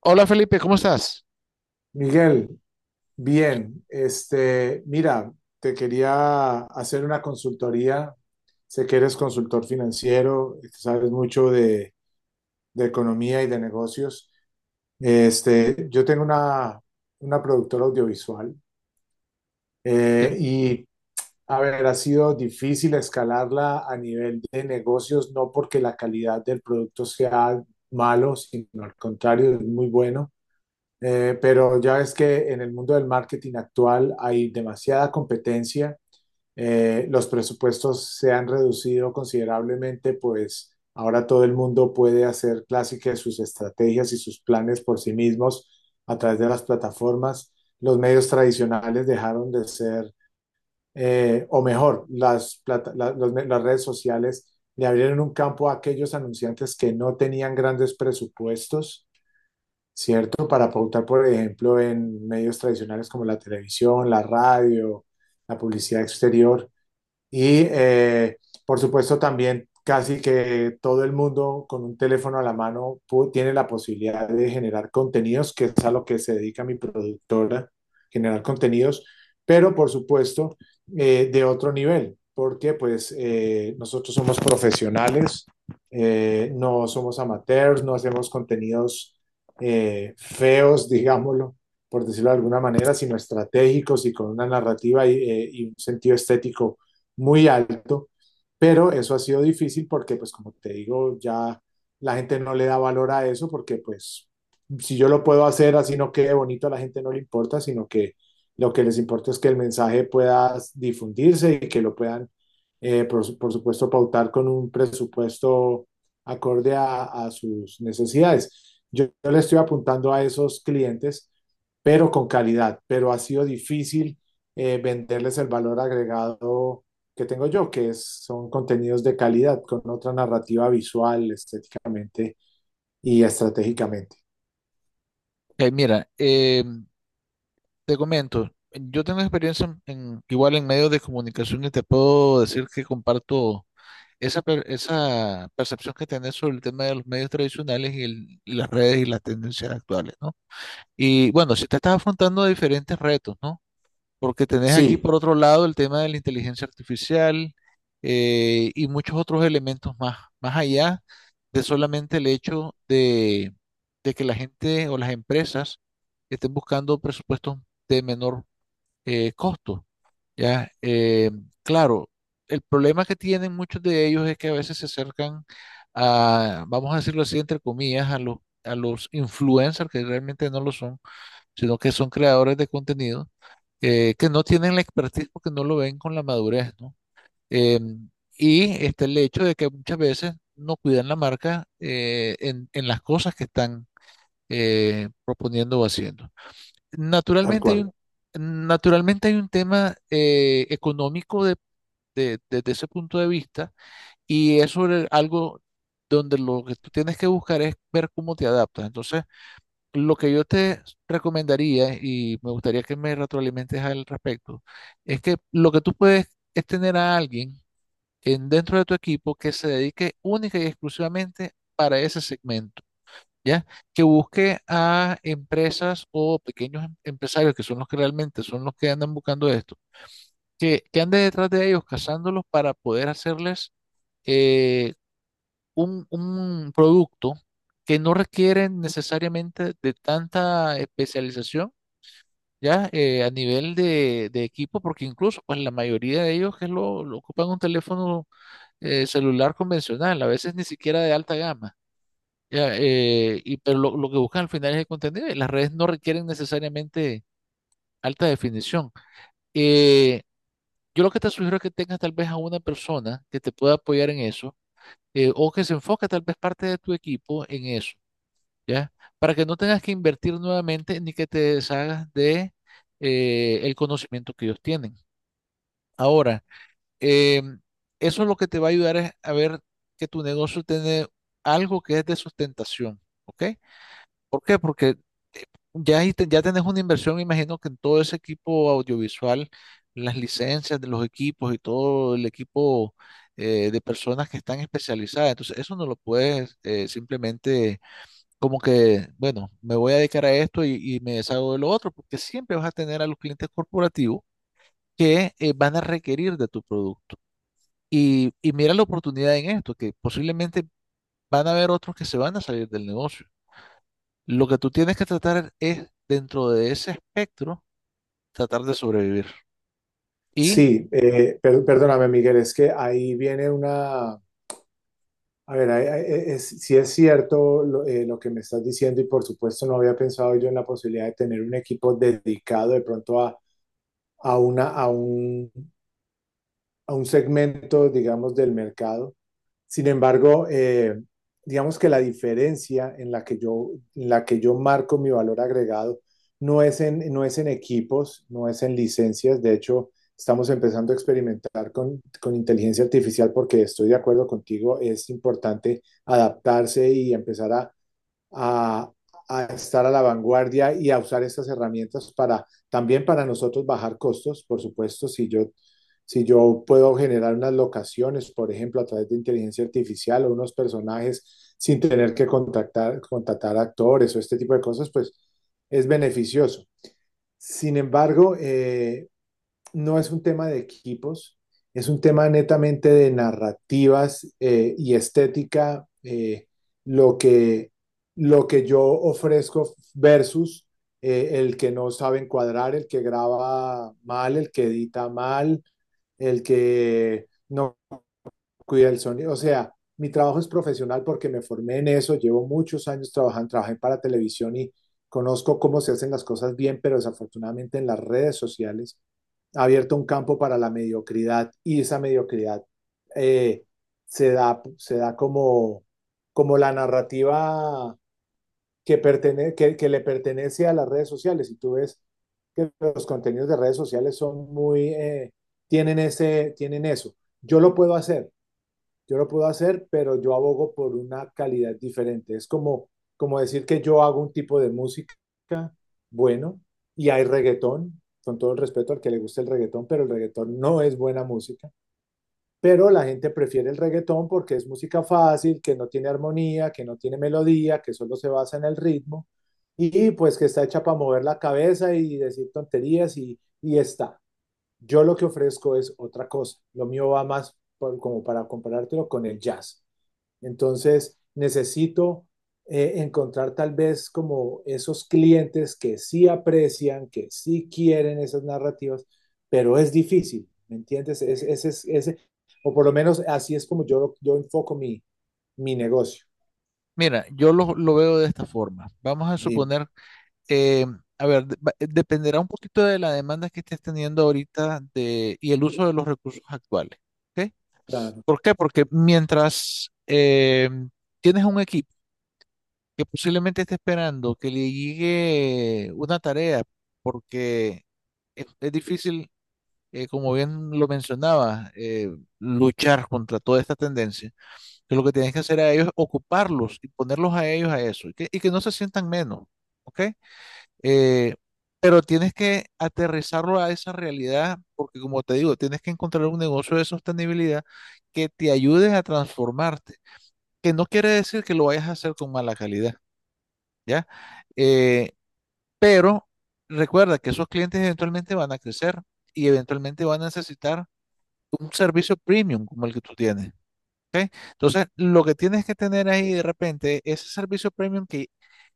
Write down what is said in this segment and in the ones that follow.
Hola Felipe, ¿cómo estás? Miguel, bien, este, mira, te quería hacer una consultoría. Sé que eres consultor financiero, que sabes mucho de economía y de negocios. Este, yo tengo una productora audiovisual Sí. eh, y, a ver, ha sido difícil escalarla a nivel de negocios, no porque la calidad del producto sea malo, sino al contrario, es muy bueno. Pero ya ves que en el mundo del marketing actual hay demasiada competencia, los presupuestos se han reducido considerablemente, pues ahora todo el mundo puede hacer clásicas sus estrategias y sus planes por sí mismos a través de las plataformas. Los medios tradicionales dejaron de ser, o mejor, las, plata- la- los me- las redes sociales le abrieron un campo a aquellos anunciantes que no tenían grandes presupuestos, ¿cierto? Para pautar, por ejemplo, en medios tradicionales como la televisión, la radio, la publicidad exterior. Y por supuesto también casi que todo el mundo con un teléfono a la mano tiene la posibilidad de generar contenidos, que es a lo que se dedica mi productora, generar contenidos, pero por supuesto de otro nivel, porque pues nosotros somos profesionales, no somos amateurs, no hacemos contenidos feos, digámoslo, por decirlo de alguna manera, sino estratégicos y con una narrativa y un sentido estético muy alto, pero eso ha sido difícil porque, pues como te digo, ya la gente no le da valor a eso porque, pues, si yo lo puedo hacer así no quede bonito, a la gente no le importa, sino que lo que les importa es que el mensaje pueda difundirse y que lo puedan, supuesto, pautar con un presupuesto acorde a sus necesidades. Yo le estoy apuntando a esos clientes, pero con calidad, pero ha sido difícil venderles el valor agregado que tengo yo, que son contenidos de calidad, con otra narrativa visual, estéticamente y estratégicamente. Eh, mira, eh, te comento, yo tengo experiencia en, igual en medios de comunicación y te puedo decir que comparto esa percepción que tenés sobre el tema de los medios tradicionales y, y las redes y las tendencias actuales, ¿no? Y bueno, si te estás afrontando a diferentes retos, ¿no? Porque tenés aquí Sí, por otro lado el tema de la inteligencia artificial y muchos otros elementos más, más allá de solamente el hecho de que la gente o las empresas estén buscando presupuestos de menor costo, ¿ya? Claro, el problema que tienen muchos de ellos es que a veces se acercan a, vamos a decirlo así, entre comillas, a los influencers que realmente no lo son, sino que son creadores de contenido que no tienen la expertise porque no lo ven con la madurez, ¿no? Em, y este, el hecho de que muchas veces no cuidan la marca en las cosas que están proponiendo o haciendo. tal Naturalmente hay cual. un, naturalmente hay un tema económico desde ese punto de vista y es sobre algo donde lo que tú tienes que buscar es ver cómo te adaptas. Entonces, lo que yo te recomendaría, y me gustaría que me retroalimentes al respecto, es que lo que tú puedes es tener a alguien en, dentro de tu equipo que se dedique única y exclusivamente para ese segmento, ¿ya? Que busque a empresas o pequeños empresarios, que son los que realmente son los que andan buscando esto, que ande detrás de ellos, cazándolos para poder hacerles eh, un producto que no requiere necesariamente de tanta especialización ya a nivel de equipo, porque incluso pues la mayoría de ellos que lo ocupan un teléfono celular convencional, a veces ni siquiera de alta gama. Ya, y, pero lo que buscan al final es el contenido y las redes no requieren necesariamente alta definición. Eh, yo lo que te sugiero es que tengas tal vez a una persona que te pueda apoyar en eso o que se enfoque tal vez parte de tu equipo en eso, ¿ya? Para que no tengas que invertir nuevamente ni que te deshagas de el conocimiento que ellos tienen. Ahora, eh, eso es lo que te va a ayudar es a ver que tu negocio tiene algo que es de sustentación, ¿ok? ¿Por qué? Porque eh, ya, ahí ya tenés una inversión, me imagino que en todo ese equipo audiovisual, las licencias de los equipos y todo el equipo de personas que están especializadas. Entonces, eso no lo puedes simplemente como que, bueno, me voy a dedicar a esto y me deshago de lo otro, porque siempre vas a tener a los clientes corporativos que van a requerir de tu producto. Y mira la oportunidad en esto, que posiblemente van a haber otros que se van a salir del negocio. Lo que tú tienes que tratar es, dentro de ese espectro, tratar de sobrevivir. Y Sí, perdóname, Miguel, es que ahí viene una... A ver, si es cierto lo que me estás diciendo y por supuesto no había pensado yo en la posibilidad de tener un equipo dedicado de pronto a, una, a, un, a un segmento, digamos, del mercado. Sin embargo, digamos que la diferencia en la que yo marco mi valor agregado no es en, no es en equipos, no es en licencias. De hecho, estamos empezando a experimentar con inteligencia artificial porque estoy de acuerdo contigo, es importante adaptarse y empezar a, a estar a la vanguardia y a usar estas herramientas para también para nosotros bajar costos, por supuesto, si yo puedo generar unas locaciones, por ejemplo, a través de inteligencia artificial o unos personajes sin tener que contratar actores o este tipo de cosas, pues es beneficioso. Sin embargo, no es un tema de equipos, es un tema netamente de narrativas y estética, lo, que, lo que yo ofrezco versus el que no sabe encuadrar, el que graba mal, el que edita mal, el que no cuida el sonido. O sea, mi trabajo es profesional porque me formé en eso, llevo muchos años trabajando, trabajé para televisión y conozco cómo se hacen las cosas bien, pero desafortunadamente en las redes sociales ha abierto un campo para la mediocridad y esa mediocridad eh, se da, como la narrativa que le pertenece a las redes sociales. Y tú ves que los contenidos de redes sociales son muy, tienen eso. Yo lo puedo hacer, yo lo puedo hacer, pero yo abogo por una calidad diferente. Como decir que yo hago un tipo de música, bueno, y hay reggaetón, con todo el respeto al que le guste el reggaetón, pero el reggaetón no es buena música. Pero la gente prefiere el reggaetón porque es música fácil, que no tiene armonía, que no tiene melodía, que solo se basa en el ritmo y pues que está hecha para mover la cabeza y decir tonterías y está. Yo lo que ofrezco es otra cosa. Lo mío va más como para comparártelo con el jazz. Entonces, necesito encontrar tal vez como esos clientes que sí aprecian, que sí quieren esas narrativas, pero es difícil, ¿me entiendes? O por lo menos así es como yo enfoco mi negocio. mira, yo lo veo de esta forma. Vamos a Dime. suponer, eh, a ver, dependerá un poquito de la demanda que estés teniendo ahorita de, y el uso de los recursos actuales. ¿Ok? Claro, ¿Por qué? Porque mientras tienes un equipo, que posiblemente esté esperando que le llegue una tarea, porque es difícil, como bien lo mencionaba, luchar contra toda esta tendencia, que lo que tienes que hacer a ellos es ocuparlos y ponerlos a ellos a eso, y que no se sientan menos, ¿ok? Eh, pero tienes que aterrizarlo a esa realidad, porque como te digo, tienes que encontrar un negocio de sostenibilidad que te ayude a transformarte, que no quiere decir que lo vayas a hacer con mala calidad. ¿Ya? Eh, pero recuerda que esos clientes eventualmente van a crecer y eventualmente van a necesitar un servicio premium como el que tú tienes. Entonces, lo que tienes que tener ahí de repente, ese servicio premium que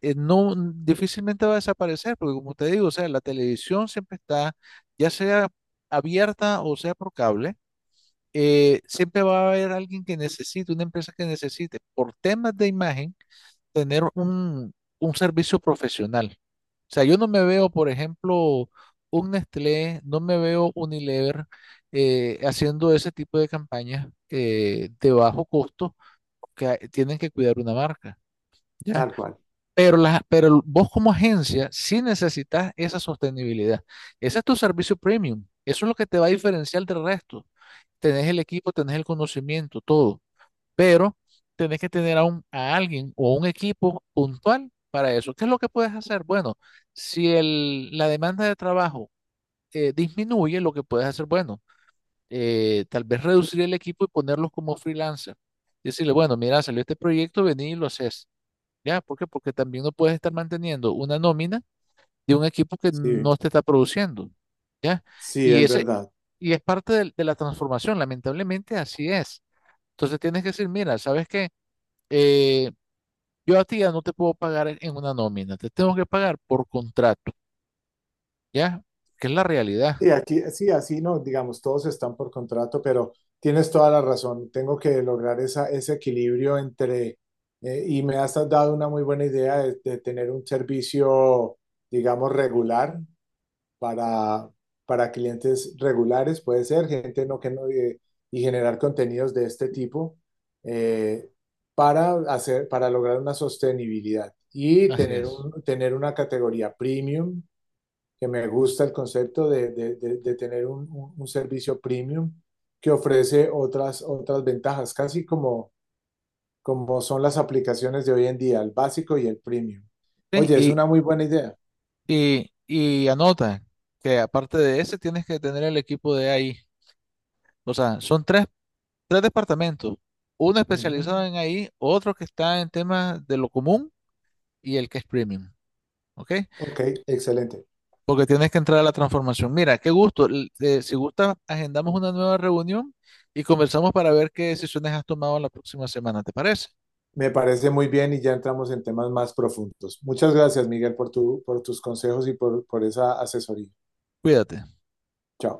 no difícilmente va a desaparecer, porque como te digo, o sea, la televisión siempre está, ya sea abierta o sea por cable, siempre va a haber alguien que necesite, una empresa que necesite, por temas de imagen, tener un servicio profesional. O sea, yo no me veo, por ejemplo, un Nestlé, no me veo Unilever haciendo ese tipo de campañas de bajo costo que tienen que cuidar una marca, ¿ya? tal cual. Pero, la, pero vos como agencia sí necesitas esa sostenibilidad. Ese es tu servicio premium. Eso es lo que te va a diferenciar del resto. Tenés el equipo, tenés el conocimiento, todo pero tenés que tener a, un, a alguien o un equipo puntual para eso. ¿Qué es lo que puedes hacer? Bueno, si el, la demanda de trabajo disminuye, lo que puedes hacer, bueno, tal vez reducir el equipo y ponerlos como freelancer. Decirle, bueno, mira, salió este proyecto, vení y lo haces. ¿Ya? ¿Por qué? Porque también no puedes estar manteniendo una nómina de un equipo que Sí, no te está produciendo. ¿Ya? sí, Y es ese, verdad. y es parte de la transformación, lamentablemente así es. Entonces tienes que decir, mira, ¿sabes qué? Eh, yo a ti ya no te puedo pagar en una nómina, te tengo que pagar por contrato, ¿ya? Que es la realidad. Sí, aquí, sí, así no, digamos, todos están por contrato, pero tienes toda la razón. Tengo que lograr ese equilibrio entre, y me has dado una muy buena idea de tener un servicio, digamos, regular para, para clientes regulares, puede ser, gente no, y generar contenidos de este tipo eh, para hacer, para lograr una sostenibilidad y Así tener es. Tener una categoría premium que me gusta el concepto de tener servicio premium que ofrece otras, otras ventajas, casi como, como son las aplicaciones de hoy en día, el básico y el premium. Sí, Oye, es Y, una muy buena idea. y, y anota que aparte de ese tienes que tener el equipo de ahí. O sea, son tres, tres departamentos. Uno Ujú. especializado en ahí, otro que está en temas de lo común y el que es premium. ¿Ok? Ok, excelente. Porque tienes que entrar a la transformación. Mira, qué gusto. Si gusta, agendamos una nueva reunión y conversamos para ver qué decisiones has tomado la próxima semana. ¿Te parece? Me parece muy bien y ya entramos en temas más profundos. Muchas gracias, Miguel, por tu, por tus consejos y por esa asesoría. Cuídate. Chao.